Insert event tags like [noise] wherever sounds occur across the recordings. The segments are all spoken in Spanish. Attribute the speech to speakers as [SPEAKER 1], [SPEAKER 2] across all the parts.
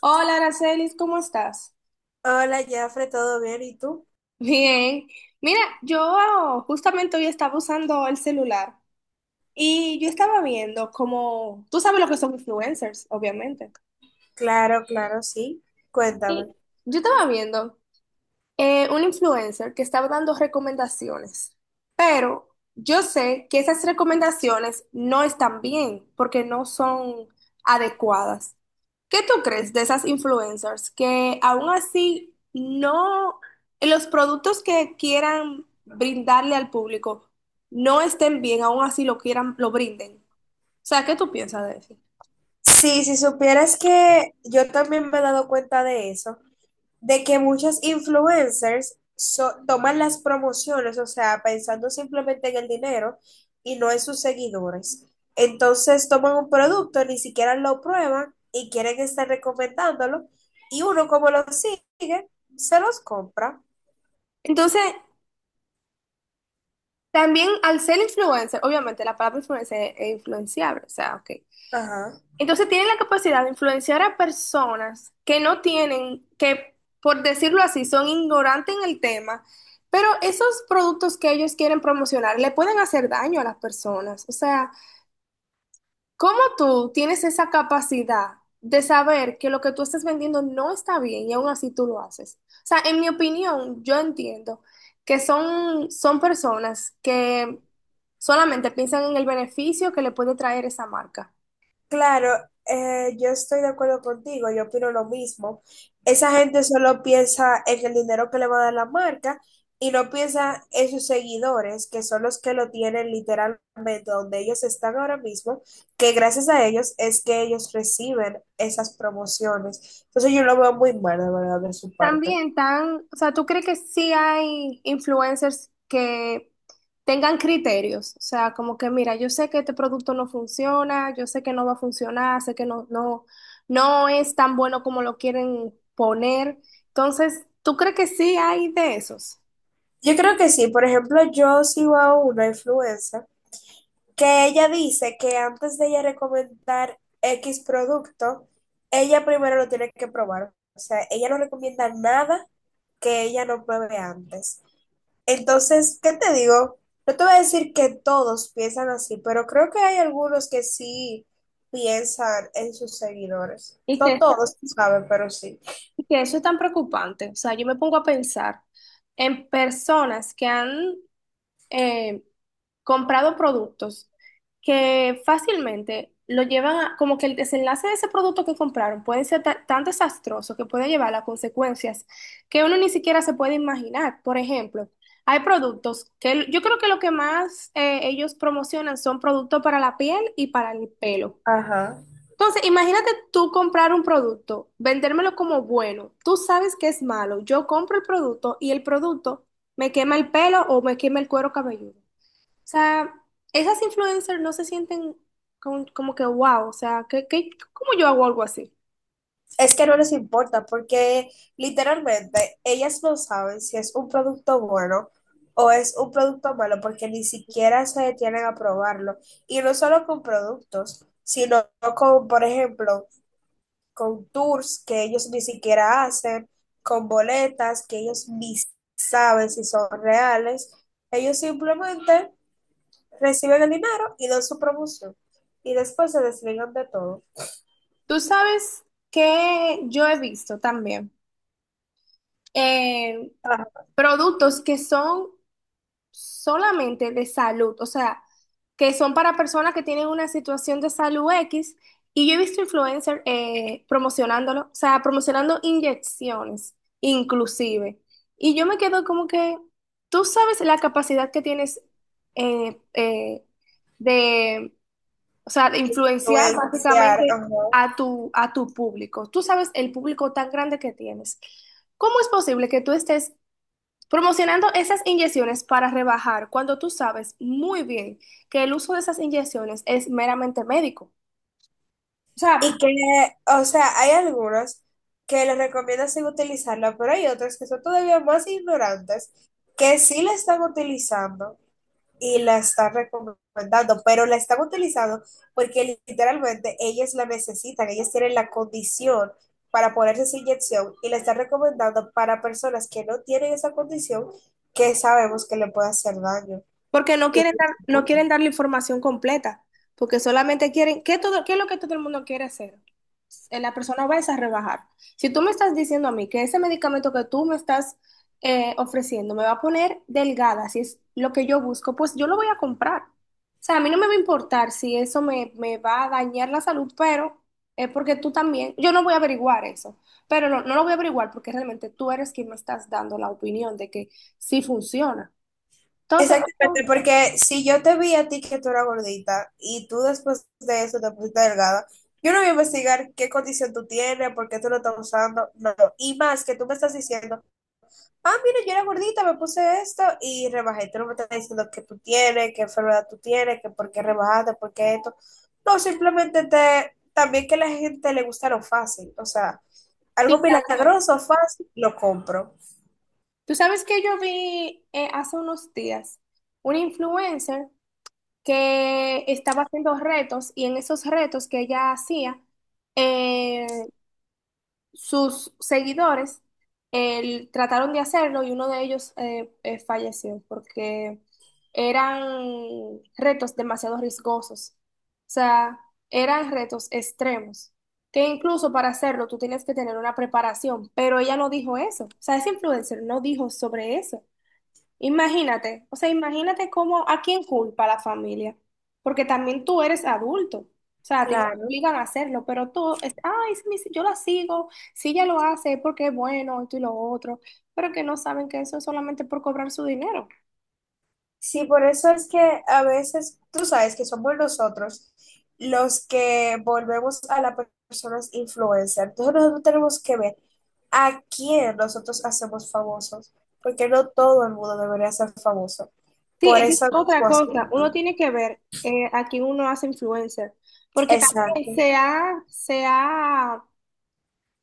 [SPEAKER 1] Hola, Aracelis, ¿cómo estás?
[SPEAKER 2] Hola, Jafre, ¿todo bien? ¿Y tú?
[SPEAKER 1] [laughs] Bien. Mira, yo justamente hoy estaba usando el celular y yo estaba viendo como, tú sabes lo que son influencers, obviamente.
[SPEAKER 2] Claro, claro, sí.
[SPEAKER 1] Y
[SPEAKER 2] Cuéntame.
[SPEAKER 1] yo estaba viendo un influencer que estaba dando recomendaciones, pero yo sé que esas recomendaciones no están bien porque no son adecuadas. ¿Qué tú crees de esas influencers que aún así no, los productos que quieran brindarle al público no estén bien, aún así lo quieran, lo brinden? O sea, ¿qué tú piensas de eso?
[SPEAKER 2] Sí, si supieras que yo también me he dado cuenta de eso, de que muchas influencers toman las promociones, o sea, pensando simplemente en el dinero y no en sus seguidores. Entonces toman un producto, ni siquiera lo prueban y quieren estar recomendándolo y uno como lo sigue, se los compra.
[SPEAKER 1] Entonces, también al ser influencer, obviamente la palabra influencer es influenciable, o sea, ok.
[SPEAKER 2] Ajá.
[SPEAKER 1] Entonces tienen la capacidad de influenciar a personas que no tienen, que por decirlo así, son ignorantes en el tema, pero esos productos que ellos quieren promocionar le pueden hacer daño a las personas. O sea, ¿cómo tú tienes esa capacidad de saber que lo que tú estás vendiendo no está bien y aún así tú lo haces? O sea, en mi opinión, yo entiendo que son personas que solamente piensan en el beneficio que le puede traer esa marca.
[SPEAKER 2] Claro, yo estoy de acuerdo contigo, yo opino lo mismo. Esa gente solo piensa en el dinero que le va a dar la marca y no piensa en sus seguidores, que son los que lo tienen literalmente donde ellos están ahora mismo, que gracias a ellos es que ellos reciben esas promociones. Entonces yo lo veo muy mal, de verdad, de su parte.
[SPEAKER 1] También tan, o sea, ¿tú crees que sí hay influencers que tengan criterios? O sea, como que mira, yo sé que este producto no funciona, yo sé que no va a funcionar, sé que no, no, no es tan bueno como lo quieren poner. Entonces, ¿tú crees que sí hay de esos?
[SPEAKER 2] Yo creo que sí, por ejemplo, yo sigo a una influencer que ella dice que antes de ella recomendar X producto, ella primero lo tiene que probar. O sea, ella no recomienda nada que ella no pruebe antes. Entonces, ¿qué te digo? No te voy a decir que todos piensan así, pero creo que hay algunos que sí piensan en sus seguidores.
[SPEAKER 1] Y que,
[SPEAKER 2] No
[SPEAKER 1] eso-
[SPEAKER 2] todos, tú sabes, pero sí.
[SPEAKER 1] y que eso es tan preocupante. O sea, yo me pongo a pensar en personas que han comprado productos que fácilmente lo llevan a, como que el desenlace de ese producto que compraron puede ser tan desastroso que puede llevar a consecuencias que uno ni siquiera se puede imaginar. Por ejemplo, hay productos que yo creo que lo que más ellos promocionan son productos para la piel y para el pelo.
[SPEAKER 2] Ajá.
[SPEAKER 1] Entonces, imagínate tú comprar un producto, vendérmelo como bueno, tú sabes que es malo, yo compro el producto y el producto me quema el pelo o me quema el cuero cabelludo. O sea, esas influencers no se sienten como que wow, o sea, ¿qué, qué, cómo yo hago algo así?
[SPEAKER 2] Es que no les importa porque literalmente ellas no saben si es un producto bueno o es un producto malo porque ni siquiera se detienen a probarlo. Y no solo con productos, sino con, por ejemplo, con tours que ellos ni siquiera hacen, con boletas que ellos ni saben si son reales. Ellos simplemente reciben el dinero y dan su promoción. Y después se desligan de todo.
[SPEAKER 1] Tú sabes que yo he visto también eh,
[SPEAKER 2] Para
[SPEAKER 1] productos que son solamente de salud, o sea, que son para personas que tienen una situación de salud X, y yo he visto influencers promocionándolo, o sea, promocionando inyecciones, inclusive. Y yo me quedo como que tú sabes la capacidad que tienes, eh, eh, de, o sea, de influenciar
[SPEAKER 2] influenciar,
[SPEAKER 1] básicamente
[SPEAKER 2] ajá.
[SPEAKER 1] a tu público. Tú sabes el público tan grande que tienes. ¿Cómo es posible que tú estés promocionando esas inyecciones para rebajar cuando tú sabes muy bien que el uso de esas inyecciones es meramente médico? O sea,
[SPEAKER 2] Y que, o sea, hay algunos que les recomienda sin utilizarla, pero hay otros que son todavía más ignorantes que sí la están utilizando y la están recomendando, pero la están utilizando porque literalmente ellas la necesitan, ellas tienen la condición para ponerse esa inyección y la están recomendando para personas que no tienen esa condición que sabemos que le puede hacer daño.
[SPEAKER 1] porque no
[SPEAKER 2] Y
[SPEAKER 1] quieren
[SPEAKER 2] no
[SPEAKER 1] dar, no
[SPEAKER 2] importa.
[SPEAKER 1] quieren dar la información completa, porque solamente quieren, ¿qué todo, qué es lo que todo el mundo quiere hacer? La persona va es a rebajar. Si tú me estás diciendo a mí que ese medicamento que tú me estás ofreciendo me va a poner delgada, si es lo que yo busco, pues yo lo voy a comprar. O sea, a mí no me va a importar si eso me, me va a dañar la salud, pero es porque tú también, yo no voy a averiguar eso, pero no, no lo voy a averiguar porque realmente tú eres quien me estás dando la opinión de que sí funciona. Entonces,
[SPEAKER 2] Exactamente, porque si yo te vi a ti que tú eras gordita y tú después de eso te pusiste delgada, yo no voy a investigar qué condición tú tienes, por qué tú lo estás usando, no. Y más que tú me estás diciendo, ah, mira, yo era gordita, me puse esto y rebajé. Tú no me estás diciendo qué tú tienes, qué enfermedad tú tienes, que por qué rebajaste, por qué esto. No, simplemente te, también que a la gente le gusta lo fácil, o sea, algo
[SPEAKER 1] sí, también.
[SPEAKER 2] milagroso, fácil, lo compro.
[SPEAKER 1] Tú sabes que yo vi hace unos días una influencer que estaba haciendo retos y en esos retos que ella hacía, eh, sus seguidores trataron de hacerlo y uno de ellos, falleció porque eran retos demasiado riesgosos. O sea, eran retos extremos, que incluso para hacerlo tú tienes que tener una preparación, pero ella no dijo eso. O sea, esa influencer no dijo sobre eso. Imagínate, o sea, imagínate cómo, a quién culpa la familia, porque también tú eres adulto, o sea, a ti no te
[SPEAKER 2] Claro.
[SPEAKER 1] obligan a hacerlo, pero tú, es, ay, si yo la sigo, si ella lo hace es porque es bueno, esto y lo otro, pero que no saben que eso es solamente por cobrar su dinero.
[SPEAKER 2] Sí, por eso es que a veces tú sabes que somos nosotros los que volvemos a las personas influencer. Entonces nosotros tenemos que ver a quién nosotros hacemos famosos, porque no todo el mundo debería ser famoso.
[SPEAKER 1] Sí,
[SPEAKER 2] Por
[SPEAKER 1] esa es
[SPEAKER 2] eso
[SPEAKER 1] otra
[SPEAKER 2] mismo así.
[SPEAKER 1] cosa, uno tiene que ver a quién uno hace influencer, porque también
[SPEAKER 2] Exacto,
[SPEAKER 1] se ha, se ha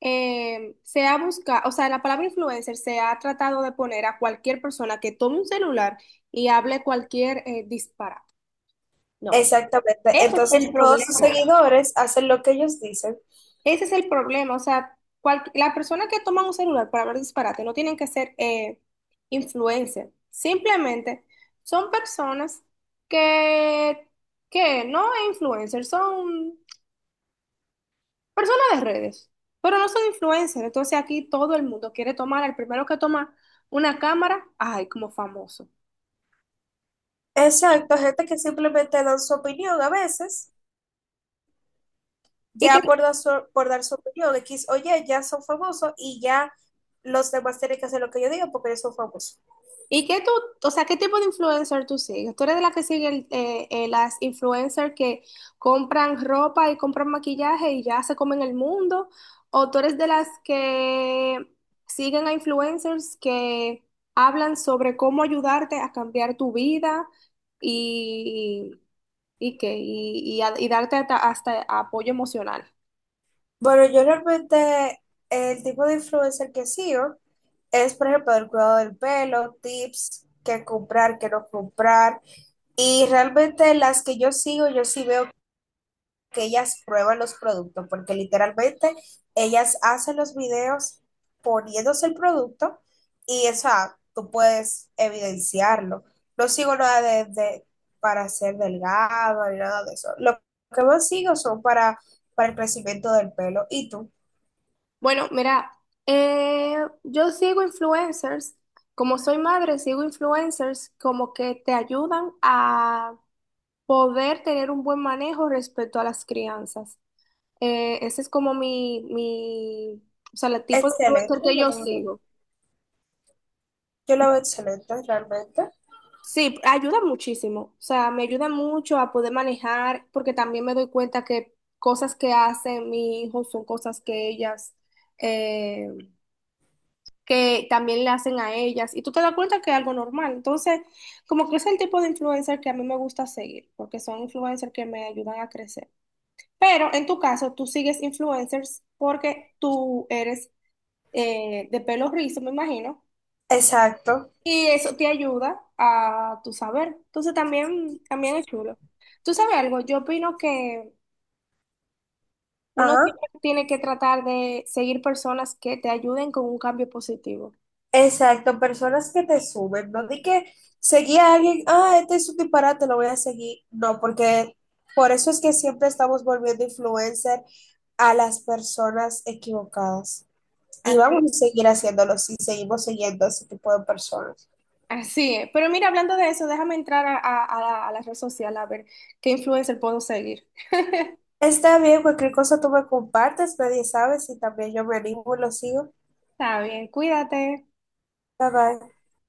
[SPEAKER 1] eh, se ha buscado, o sea, la palabra influencer se ha tratado de poner a cualquier persona que tome un celular y hable cualquier disparate. No,
[SPEAKER 2] exactamente.
[SPEAKER 1] ese es
[SPEAKER 2] Entonces
[SPEAKER 1] el
[SPEAKER 2] todos
[SPEAKER 1] problema.
[SPEAKER 2] sus seguidores hacen lo que ellos dicen.
[SPEAKER 1] Ese es el problema. O sea, cual, la persona que toma un celular para hablar disparate no tienen que ser influencer. Simplemente son personas que, que no es influencer, son personas de redes, pero no son influencers. Entonces aquí todo el mundo quiere tomar, el primero que toma una cámara, ay, como famoso.
[SPEAKER 2] Exacto, gente que simplemente dan su opinión a veces.
[SPEAKER 1] Y que
[SPEAKER 2] Ya por dar su opinión, X o Y, ya son famosos y ya los demás tienen que hacer lo que yo digo porque ellos son famosos.
[SPEAKER 1] ¿y qué tú, o sea, qué tipo de influencer tú sigues? ¿Tú eres de la que sigue las influencers que compran ropa y compran maquillaje y ya se comen el mundo? ¿O tú eres de las que siguen a influencers que hablan sobre cómo ayudarte a cambiar tu vida y, y, qué? ¿Y darte hasta apoyo emocional?
[SPEAKER 2] Bueno, yo realmente el tipo de influencer que sigo es, por ejemplo, el cuidado del pelo, tips, qué comprar, qué no comprar. Y realmente las que yo sigo, yo sí veo que ellas prueban los productos, porque literalmente ellas hacen los videos poniéndose el producto y eso tú puedes evidenciarlo. No sigo nada para ser delgado ni nada de eso. Lo que yo sigo son para el crecimiento del pelo. ¿Y tú?
[SPEAKER 1] Bueno, mira, eh, yo sigo influencers. Como soy madre, sigo influencers como que te ayudan a poder tener un buen manejo respecto a las crianzas. Ese es como o sea, el tipo de influencer
[SPEAKER 2] Excelente,
[SPEAKER 1] que yo sigo.
[SPEAKER 2] yo lo veo excelente realmente.
[SPEAKER 1] Sí, ayuda muchísimo. O sea, me ayuda mucho a poder manejar, porque también me doy cuenta que cosas que hacen mi hijo son cosas que ellas, eh, que también le hacen a ellas y tú te das cuenta que es algo normal. Entonces, como que es el tipo de influencer que a mí me gusta seguir, porque son influencers que me ayudan a crecer. Pero en tu caso, tú sigues influencers porque tú eres de pelo rizo, me imagino,
[SPEAKER 2] Exacto.
[SPEAKER 1] y eso te ayuda, a tu saber. Entonces, también, también es chulo. ¿Tú sabes algo? Yo opino que uno
[SPEAKER 2] Ajá.
[SPEAKER 1] siempre tiene que tratar de seguir personas que te ayuden con un cambio positivo.
[SPEAKER 2] Exacto, personas que te suben, no di que seguí a alguien, ah, este es un disparate, lo voy a seguir. No, porque por eso es que siempre estamos volviendo influencer a las personas equivocadas. Y
[SPEAKER 1] Así.
[SPEAKER 2] vamos a seguir haciéndolo si seguimos siguiendo a ese tipo de personas.
[SPEAKER 1] Sí, pero mira, hablando de eso, déjame entrar a, a la red social a ver qué influencer puedo seguir.
[SPEAKER 2] Está bien, cualquier cosa tú me compartes, nadie sabe si también yo me animo y lo sigo.
[SPEAKER 1] Está bien, cuídate.
[SPEAKER 2] Bye bye.